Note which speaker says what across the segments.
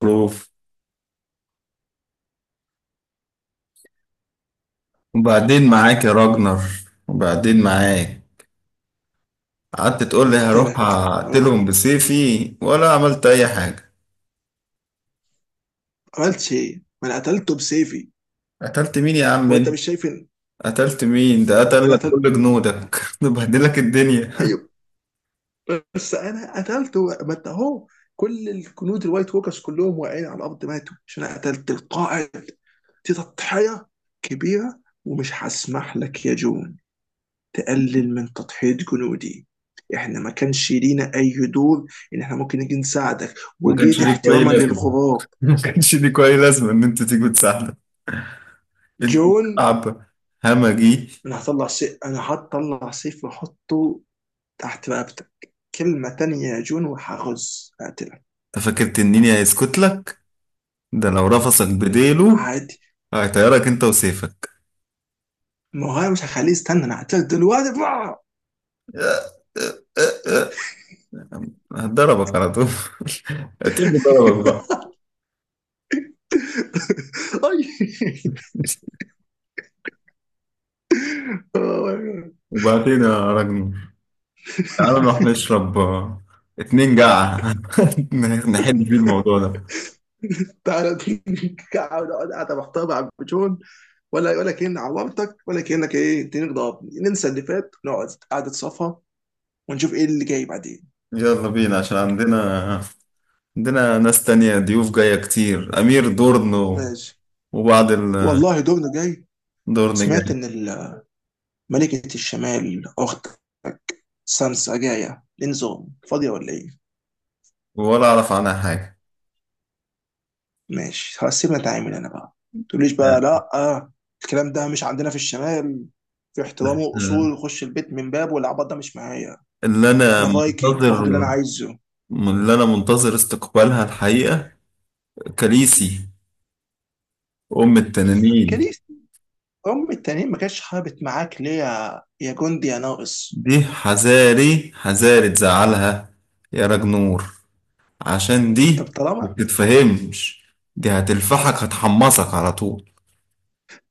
Speaker 1: بروف. وبعدين معاك يا راجنر، وبعدين معاك. قعدت تقول لي
Speaker 2: قلت
Speaker 1: هروح
Speaker 2: لك
Speaker 1: اقتلهم بسيفي ولا عملت اي حاجة؟
Speaker 2: عملتش ايه؟ ما انا قتلته بسيفي.
Speaker 1: قتلت مين يا عم
Speaker 2: وانت
Speaker 1: انت؟
Speaker 2: مش شايف ان
Speaker 1: قتلت مين؟ ده
Speaker 2: هو
Speaker 1: قتل
Speaker 2: انا
Speaker 1: لك
Speaker 2: قتلت.
Speaker 1: كل جنودك ده بهدل لك الدنيا.
Speaker 2: ايوه، بس انا قتلته. ما انت اهو كل الجنود الوايت ووكرز كلهم واقعين على الارض، ماتوا عشان انا قتلت القائد. دي تضحيه كبيره، ومش هسمح لك يا جون تقلل من تضحيه جنودي. احنا ما كانش لينا اي دور ان احنا ممكن نيجي نساعدك،
Speaker 1: ما كانش
Speaker 2: وجيت
Speaker 1: ليك اي
Speaker 2: احتراما
Speaker 1: لازمة،
Speaker 2: للغراب.
Speaker 1: ما كانش ليك اي لازمة ان انت تيجي تساعدك. انت
Speaker 2: جون،
Speaker 1: شعب همجي.
Speaker 2: انا هطلع سيف واحطه تحت رقبتك. كلمة تانية يا جون هقتلك.
Speaker 1: انت فاكر تنيني هيسكت لك؟ ده لو رفسك بديله
Speaker 2: عادي.
Speaker 1: هيطيرك انت وسيفك.
Speaker 2: ما هو أنا مش هخليه يستنى، انا هقتلك دلوقتي بقى.
Speaker 1: ضربك على طول اعتبره ضربك بقى.
Speaker 2: أي.
Speaker 1: وبعدين يا راجل، تعالى نروح نشرب اتنين جعة نحل فيه الموضوع ده.
Speaker 2: تعالى. قاعد، محتار مع جون. ولا كأن عورتك ولا كأنك ايه، اديني ضربني، ننسى اللي فات، نقعد قعدة صفا ونشوف ايه اللي جاي بعدين.
Speaker 1: يلا بينا عشان عندنا ناس تانية ضيوف جاية كتير، أمير دورن
Speaker 2: ماشي.
Speaker 1: وبعض الدورن
Speaker 2: والله دورنا جاي. سمعت
Speaker 1: جاي.
Speaker 2: ان ملكة الشمال اختك سانسا جاية لنزوم فاضية ولا ايه؟
Speaker 1: ولا أعرف عنها حاجة
Speaker 2: ماشي خلاص، سيبنا نتعامل انا بقى. تقوليش بقى
Speaker 1: يعني.
Speaker 2: لا. آه، الكلام ده مش عندنا في الشمال. في
Speaker 1: بس،
Speaker 2: احترام
Speaker 1: آه،
Speaker 2: واصول، خش البيت من باب، والعبط ده مش معايا.
Speaker 1: اللي أنا
Speaker 2: انا فايكنج باخد اللي انا
Speaker 1: منتظر
Speaker 2: عايزه.
Speaker 1: اللي أنا منتظر استقبالها الحقيقة، كاليسي، أم التنانين.
Speaker 2: كاليس ام التانيين، ما كانتش حابت معاك ليه يا جندي يا ناقص؟
Speaker 1: دي حذاري حذاري تزعلها يا راج نور، عشان
Speaker 2: طب
Speaker 1: دي ما
Speaker 2: طالما
Speaker 1: بتتفهمش. دي هتلفحك هتحمصك على طول.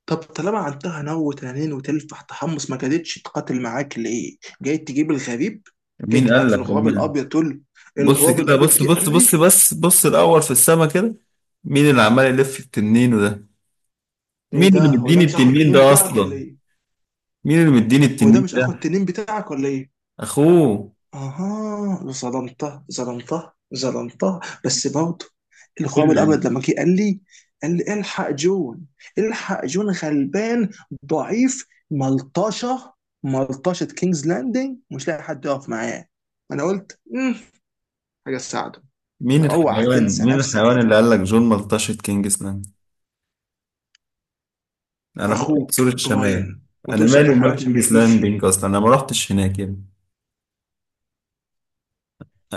Speaker 2: طب طالما عندها نو تنانين وتلفح تحمص، ما كادتش تقاتل معاك ليه؟ جاي تجيب الغريب، جاي
Speaker 1: مين قال
Speaker 2: تبعت
Speaker 1: لك
Speaker 2: له الغراب
Speaker 1: أمان؟
Speaker 2: الابيض تقول له،
Speaker 1: بص
Speaker 2: الغراب
Speaker 1: كده،
Speaker 2: الابيض
Speaker 1: بص
Speaker 2: جه
Speaker 1: بص
Speaker 2: قال
Speaker 1: بص
Speaker 2: لي.
Speaker 1: بس بص الأول في السما كده. مين اللي عمال يلف التنين ده؟
Speaker 2: ايه
Speaker 1: مين
Speaker 2: ده،
Speaker 1: اللي
Speaker 2: هو ده
Speaker 1: مديني
Speaker 2: مش اخو
Speaker 1: التنين
Speaker 2: التنين
Speaker 1: ده
Speaker 2: بتاعك ولا
Speaker 1: أصلا؟
Speaker 2: ايه؟
Speaker 1: مين اللي مديني
Speaker 2: هو ده
Speaker 1: التنين
Speaker 2: مش اخو
Speaker 1: ده؟
Speaker 2: التنين بتاعك ولا ايه
Speaker 1: أخوه.
Speaker 2: اها، ظلمته ظلمته ظلمته بس برضه. الخواب
Speaker 1: مين؟
Speaker 2: الابيض لما جه قال لي، قال لي الحق جون، الحق جون غلبان ضعيف ملطشه، ملطشه كينجز لاندنج مش لاقي حد يقف معاه. انا قلت حاجه تساعده.
Speaker 1: مين
Speaker 2: اوعى
Speaker 1: الحيوان
Speaker 2: تنسى
Speaker 1: مين
Speaker 2: نفسك يا
Speaker 1: الحيوان اللي
Speaker 2: جو.
Speaker 1: قال لك جون ملطشة كينجز لاند؟ انا بكره
Speaker 2: اخوك
Speaker 1: سور الشمال.
Speaker 2: براين ما
Speaker 1: انا
Speaker 2: تقولش
Speaker 1: مالي
Speaker 2: عليه حرام
Speaker 1: ومال
Speaker 2: عشان ما
Speaker 1: كينجز
Speaker 2: يجيش شيء.
Speaker 1: لاندنج اصلا، انا ما رحتش هناك يعني.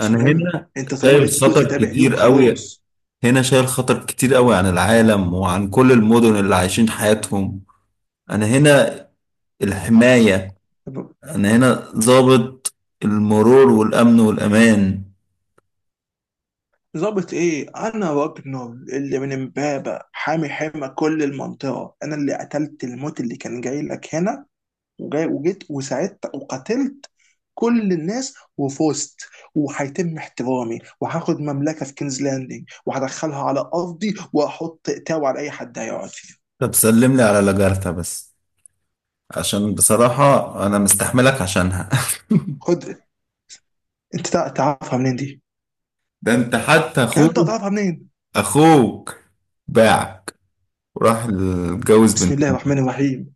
Speaker 2: مش مهم،
Speaker 1: هنا
Speaker 2: انت طالما
Speaker 1: شايل
Speaker 2: بقيت جزء
Speaker 1: خطر
Speaker 2: تابع ليهم
Speaker 1: كتير قوي.
Speaker 2: خلاص.
Speaker 1: هنا شايل خطر كتير قوي عن العالم وعن كل المدن اللي عايشين حياتهم. انا هنا الحماية. انا هنا ضابط المرور والامن والامان.
Speaker 2: ظابط ايه؟ انا راجنر اللي من امبابة، حامي حمى كل المنطقة. انا اللي قتلت الموت اللي كان جاي لك هنا، وجيت وساعدت وقتلت كل الناس وفزت، وهيتم احترامي، وهاخد مملكة في كينز لاندنج وهدخلها على ارضي واحط تاو على اي حد هيقعد فيها.
Speaker 1: طب سلم لي على لاجارتا بس، عشان بصراحة انا مستحملك عشانها
Speaker 2: خد. انت تعرفها منين دي؟
Speaker 1: ده انت حتى اخوك،
Speaker 2: انت تعرفها منين؟
Speaker 1: اخوك باعك وراح اتجوز
Speaker 2: بسم
Speaker 1: بنت.
Speaker 2: الله الرحمن الرحيم.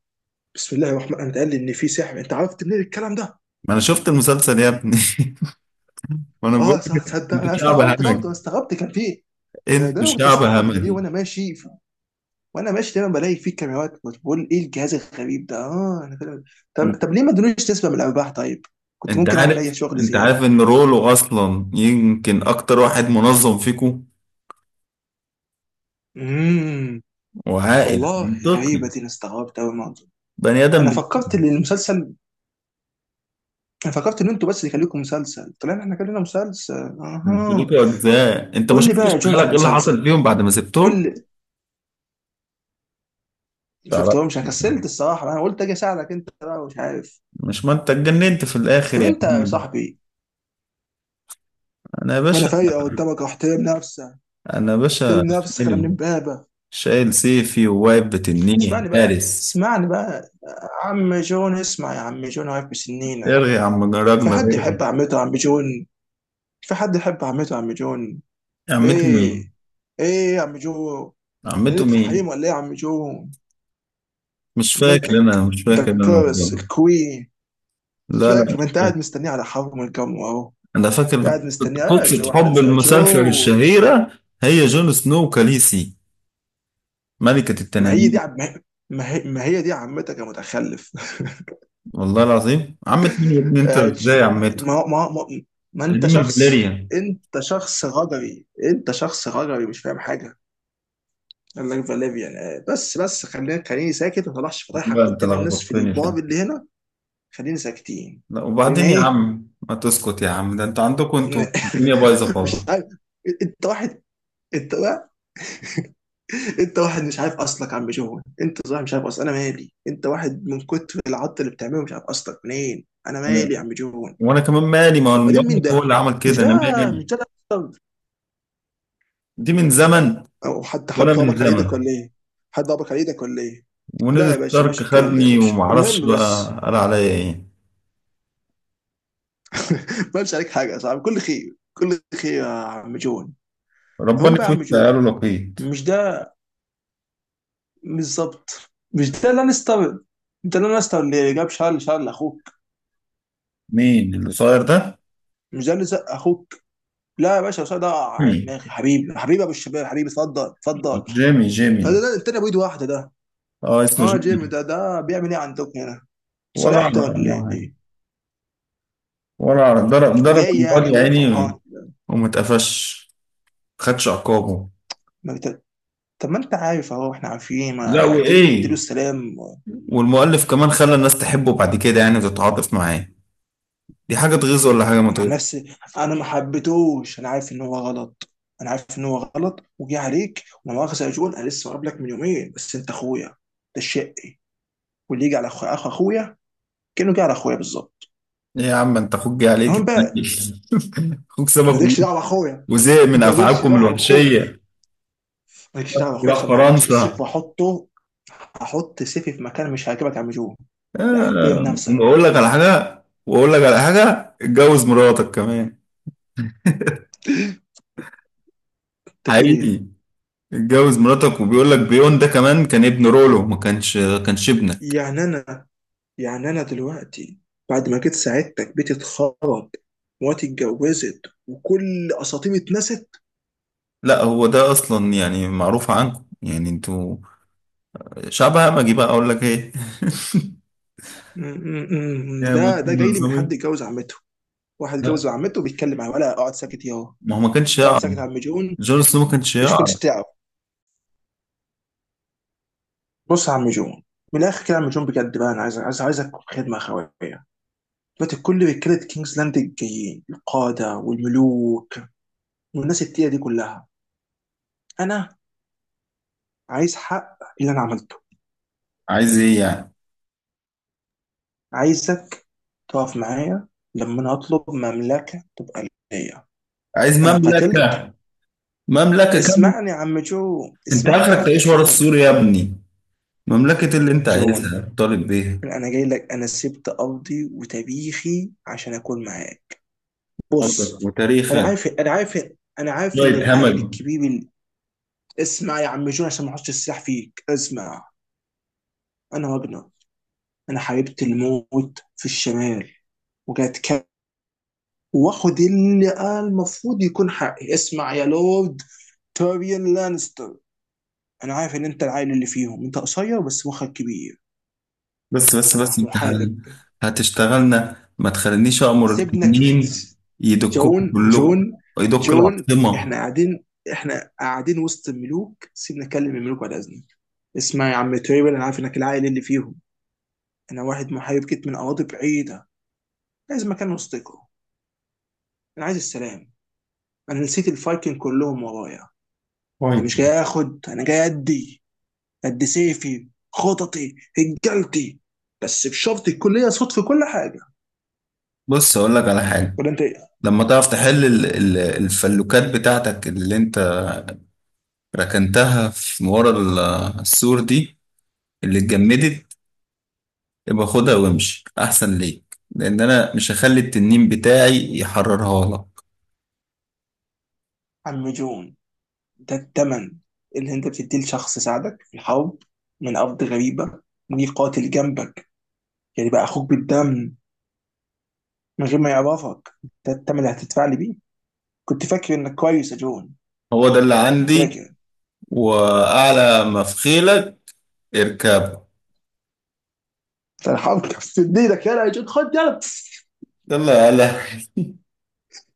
Speaker 2: بسم الله الرحمن انت قال لي ان في سحر، انت عرفت منين الكلام ده؟
Speaker 1: ما انا شفت المسلسل يا ابني ما انا بقول
Speaker 2: اه صح،
Speaker 1: لك.
Speaker 2: تصدق
Speaker 1: انتوا
Speaker 2: انا
Speaker 1: شعب
Speaker 2: استغربت برضه،
Speaker 1: همجي،
Speaker 2: انا استغربت كان في إيه؟ انا
Speaker 1: انتوا
Speaker 2: دايما كنت
Speaker 1: شعب
Speaker 2: استغرب ان ليه،
Speaker 1: همجي.
Speaker 2: وانا ماشي دايما بلاقي فيه كاميرات، كنت بقول ايه الجهاز الغريب ده. اه انا فاهم. طب ليه ما ادونيش نسبه من الارباح طيب؟ كنت
Speaker 1: انت
Speaker 2: ممكن اعمل اي
Speaker 1: عارف
Speaker 2: شغل
Speaker 1: انت
Speaker 2: زياده.
Speaker 1: عارف ان رولو اصلا يمكن اكتر واحد منظم فيكم
Speaker 2: امم
Speaker 1: وعاقل
Speaker 2: والله غريبه
Speaker 1: منطقي،
Speaker 2: دي، انا استغربت قوي الموضوع.
Speaker 1: بني ادم
Speaker 2: انا فكرت ان
Speaker 1: بيفهم.
Speaker 2: المسلسل انا فكرت ان انتوا بس اللي خليكم مسلسل، طلعنا احنا كلنا مسلسل.
Speaker 1: انتوا
Speaker 2: اها.
Speaker 1: ليكوا اجزاء، انت ما
Speaker 2: قول لي بقى
Speaker 1: شفتش
Speaker 2: يا جون في
Speaker 1: بالك ايه اللي حصل
Speaker 2: المسلسل،
Speaker 1: فيهم بعد ما
Speaker 2: قول
Speaker 1: سبتهم؟
Speaker 2: لي. ما
Speaker 1: تعرف،
Speaker 2: شفتهمش، انا كسلت الصراحه، انا قلت اجي اساعدك انت بقى مش عارف.
Speaker 1: مش ما انت اتجننت في الاخر
Speaker 2: طب
Speaker 1: يا
Speaker 2: انت يا
Speaker 1: عم.
Speaker 2: صاحبي،
Speaker 1: انا يا
Speaker 2: وانا
Speaker 1: باشا،
Speaker 2: فايقه قدامك احترم نفسك،
Speaker 1: انا يا باشا
Speaker 2: احترم نفسك، انا من
Speaker 1: شايل
Speaker 2: امبابه.
Speaker 1: شايل سيفي وواقف بتنيني حارس.
Speaker 2: اسمعني بقى عم جون، اسمع يا عم جون، عارف بسنينك؟
Speaker 1: ارغي يا عم
Speaker 2: في
Speaker 1: راجنر،
Speaker 2: حد
Speaker 1: ارغي.
Speaker 2: يحب عمته عم جون في حد يحب عمته عم جون؟
Speaker 1: عمته مين؟
Speaker 2: ايه ايه يا عم جون؟
Speaker 1: عمته
Speaker 2: ليلة
Speaker 1: مين؟
Speaker 2: الحريم ولا ايه يا عم جون؟
Speaker 1: مش فاكر،
Speaker 2: عمتك،
Speaker 1: انا مش
Speaker 2: ده
Speaker 1: فاكر انا الموضوع
Speaker 2: الكرس
Speaker 1: ده.
Speaker 2: الكوين. مش
Speaker 1: لا لا،
Speaker 2: فاكر؟ ما
Speaker 1: مش
Speaker 2: انت
Speaker 1: فاكر.
Speaker 2: قاعد مستنيه على حرم الجمر اهو.
Speaker 1: انا
Speaker 2: انت
Speaker 1: فاكر
Speaker 2: قاعد مستنيه يا
Speaker 1: قصة
Speaker 2: جو،
Speaker 1: حب
Speaker 2: هننسى يا
Speaker 1: المسلسل
Speaker 2: جون.
Speaker 1: الشهيرة، هي جون سنو وكاليسي، ملكة
Speaker 2: ما هي دي
Speaker 1: التنانين.
Speaker 2: عم... ما هي دي عمتك يا متخلف.
Speaker 1: والله العظيم عمت مين يا ابني؟ انت
Speaker 2: آه،
Speaker 1: ازاي عمته؟
Speaker 2: ما هو- ما هو- ما, ما انت
Speaker 1: دي من
Speaker 2: شخص،
Speaker 1: الفاليريا.
Speaker 2: انت شخص غجري مش فاهم حاجه. قال لك فاليفيان. بس خليني ساكت ما طلعش فضايحك
Speaker 1: لا انت
Speaker 2: قدام الناس في
Speaker 1: لخبطتني في
Speaker 2: البار
Speaker 1: ده.
Speaker 2: اللي هنا. خليني ساكتين.
Speaker 1: لا
Speaker 2: خلينا
Speaker 1: وبعدين يا
Speaker 2: ايه؟
Speaker 1: عم، ما تسكت يا عم، ده انتوا عندكم انتوا
Speaker 2: ن-
Speaker 1: الدنيا بايظة خالص.
Speaker 2: مش عارف. انت واحد انت واحد انت واحد مش عارف اصلك يا عم جون، انت صاحب مش عارف اصلك، انا مالي. انت واحد من كتر العط اللي بتعمله مش عارف اصلك منين، انا
Speaker 1: أنا-
Speaker 2: مالي يا عم جون.
Speaker 1: وانا كمان مالي، ما هو
Speaker 2: وبعدين مين
Speaker 1: المؤلف هو
Speaker 2: ده؟
Speaker 1: اللي عمل
Speaker 2: مش
Speaker 1: كده،
Speaker 2: ده
Speaker 1: انا
Speaker 2: مش
Speaker 1: مالي.
Speaker 2: ده
Speaker 1: دي من زمن
Speaker 2: او حد،
Speaker 1: وانا من
Speaker 2: ضربك على
Speaker 1: زمن،
Speaker 2: ايدك ولا ايه؟ حد ضربك على ايدك ولا ايه؟
Speaker 1: ونزل
Speaker 2: لا يا باشا،
Speaker 1: ستارك
Speaker 2: مش الكلام ده يا
Speaker 1: خدني
Speaker 2: باشا.
Speaker 1: ومعرفش
Speaker 2: المهم بس
Speaker 1: بقى قال عليا ايه.
Speaker 2: ما قالش عليك حاجه يا صاحبي، كل خير، كل خير يا عم جون. هم
Speaker 1: ربنا
Speaker 2: بقى يا
Speaker 1: في
Speaker 2: عم
Speaker 1: وشي
Speaker 2: جون،
Speaker 1: قالوا لقيت.
Speaker 2: مش ده بالظبط، مش ده لانستر. انت لانستر اللي جاب شارل، اخوك،
Speaker 1: مين القصير ده؟
Speaker 2: مش ده اللي زق اخوك. لا يا باشا، شارل ده وقع على
Speaker 1: جيمي.
Speaker 2: دماغي حبيبي، حبيبي يا ابو الشباب، حبيبي، اتفضل اتفضل.
Speaker 1: جيمي
Speaker 2: لا لا
Speaker 1: جيمي.
Speaker 2: لا، التاني ابو ايد واحده ده.
Speaker 1: اه، اسمه
Speaker 2: اه جيمي،
Speaker 1: جيمي.
Speaker 2: ده بيعمل ايه عندكم هنا؟
Speaker 1: ولا
Speaker 2: صالحته
Speaker 1: اعرف عنه
Speaker 2: ولا
Speaker 1: حاجة.
Speaker 2: ايه؟
Speaker 1: ولا اعرف، ضرب
Speaker 2: جاي
Speaker 1: النار
Speaker 2: يعني
Speaker 1: يا عيني.
Speaker 2: وفرحان؟
Speaker 1: وما اتقفش، ما خدش عقابه.
Speaker 2: ما طب ما انت عارف اهو، احنا عارفين،
Speaker 1: لا،
Speaker 2: ما تيجي نديله
Speaker 1: وايه؟
Speaker 2: السلام.
Speaker 1: والمؤلف كمان خلى الناس تحبه بعد كده يعني وتتعاطف معاه، دي حاجة تغيظ ولا حاجة ما
Speaker 2: انا عن
Speaker 1: تغيظ؟
Speaker 2: نفسي انا ما حبيتهوش، انا عارف ان هو غلط، انا عارف ان هو غلط وجه عليك. وما مؤاخذه يا جون، انا لسه قابلك من يومين، بس انت اخويا، ده الشقي، واللي يجي على اخو اخويا كانه جه على اخويا بالظبط.
Speaker 1: ايه يا عم انت، اخوك جه عليك
Speaker 2: المهم بقى،
Speaker 1: اتنين. اخوك سابك
Speaker 2: مالكش دعوه باخويا،
Speaker 1: وزهق من
Speaker 2: مالكش
Speaker 1: افعالكم
Speaker 2: دعوه باخويا،
Speaker 1: الوحشية،
Speaker 2: مالكش دعوه باخويا
Speaker 1: راح
Speaker 2: عشان ما اطلعش السيف
Speaker 1: فرنسا.
Speaker 2: واحطه، احط سيفي في مكان مش هيعجبك يا عم جون. احترم نفسك،
Speaker 1: واقول لك على حاجه، واقول لك على حاجه، اتجوز مراتك كمان.
Speaker 2: انت بتقول ايه؟
Speaker 1: حقيقي، اتجوز مراتك، وبيقول لك بيون ده كمان كان ابن رولو، ما كانش كانش ابنك.
Speaker 2: يعني انا يعني انا دلوقتي بعد ما جيت ساعدتك بيتي اتخرب، مراتي اتجوزت، وكل اساطيري اتنست.
Speaker 1: لا هو ده اصلا يعني معروف عنكم، يعني انتوا شعب همجي بقى، اقول لك ايه
Speaker 2: م- م- م- م.
Speaker 1: يا مش
Speaker 2: ده جاي لي من حد
Speaker 1: منظمين.
Speaker 2: اتجوز عمته. واحد
Speaker 1: لا
Speaker 2: اتجوز عمته وبيتكلم معاه، ولا اقعد ساكت ياهو؟
Speaker 1: ما هو ما كانش
Speaker 2: اقعد
Speaker 1: يعرف،
Speaker 2: ساكت يا عم جون.
Speaker 1: جون سنو ما كانش
Speaker 2: مش كنتش
Speaker 1: يعرف.
Speaker 2: تعرف. بص يا عم جون، من الاخر كده يا عم جون بجد بقى، انا عايز عايزك خدمه اخويه. دلوقتي كل رجاله كينجز لاند الجايين، القاده والملوك والناس التقيله دي كلها، انا عايز حق اللي انا عملته.
Speaker 1: عايز ايه يعني؟
Speaker 2: عايزك تقف معايا لما انا اطلب مملكه تبقى ليا.
Speaker 1: عايز
Speaker 2: انا قتلت.
Speaker 1: مملكه؟ مملكه كامله؟ انت
Speaker 2: اسمعني يا
Speaker 1: اخرك
Speaker 2: عم
Speaker 1: تعيش ورا
Speaker 2: جون.
Speaker 1: السور يا ابني، مملكه اللي انت
Speaker 2: جون،
Speaker 1: عايزها طالب بيها.
Speaker 2: انا جاي لك، انا سبت ارضي وتاريخي عشان اكون معاك.
Speaker 1: قلبك
Speaker 2: بص،
Speaker 1: وتاريخك.
Speaker 2: انا عارف، انا عارف
Speaker 1: لا
Speaker 2: ان العائل
Speaker 1: يتهمل.
Speaker 2: الكبير اسمع يا عم جون عشان ما احطش السلاح فيك، اسمع. انا راجنر، انا حاربت الموت في الشمال، وجات كام، واخد اللي المفروض يكون حقي. اسمع يا لورد تيريون لانستر، انا عارف ان انت العائل اللي فيهم، انت قصير بس مخك كبير،
Speaker 1: بس بس
Speaker 2: انا
Speaker 1: بس
Speaker 2: محاذق.
Speaker 1: هتشتغلنا؟ ما تخلينيش امر
Speaker 2: سيبنك.
Speaker 1: التنين يدكوك كلكم،
Speaker 2: جون،
Speaker 1: يدك
Speaker 2: جون،
Speaker 1: العاصمه.
Speaker 2: احنا قاعدين وسط الملوك، سيبنا نكلم الملوك بعد اذنك. اسمع يا عم تيريون، انا عارف انك العائل اللي فيهم. انا واحد محارب جيت من اراضي بعيده، لازم مكان وسطكم. انا عايز السلام، انا نسيت الفايكنج كلهم ورايا، انا
Speaker 1: طيب
Speaker 2: مش جاي اخد، انا جاي ادي قد سيفي خططي هجلتي، بس بشرط يكون ليا صوت في كل حاجه.
Speaker 1: بص، اقول لك على حاجه.
Speaker 2: ولا انت ايه؟
Speaker 1: لما تعرف تحل الفلوكات بتاعتك اللي انت ركنتها في ورا السور دي اللي اتجمدت، يبقى خدها وامشي احسن ليك، لان انا مش هخلي التنين بتاعي يحررها لك.
Speaker 2: عم جون، ده الثمن اللي انت بتديه لشخص ساعدك في الحرب من ارض غريبه، ليه قاتل جنبك، يعني بقى اخوك بالدم من غير ما يعرفك؟ ده الثمن اللي هتدفع لي بيه؟ كنت فاكر انك كويس يا جون،
Speaker 1: هو ده اللي
Speaker 2: كنت
Speaker 1: عندي.
Speaker 2: فاكر.
Speaker 1: واعلى ما في خيلك اركبه.
Speaker 2: ده الحرب كانت في ايدك. يلا يا جون، خد يلا.
Speaker 1: يلا يا هلا.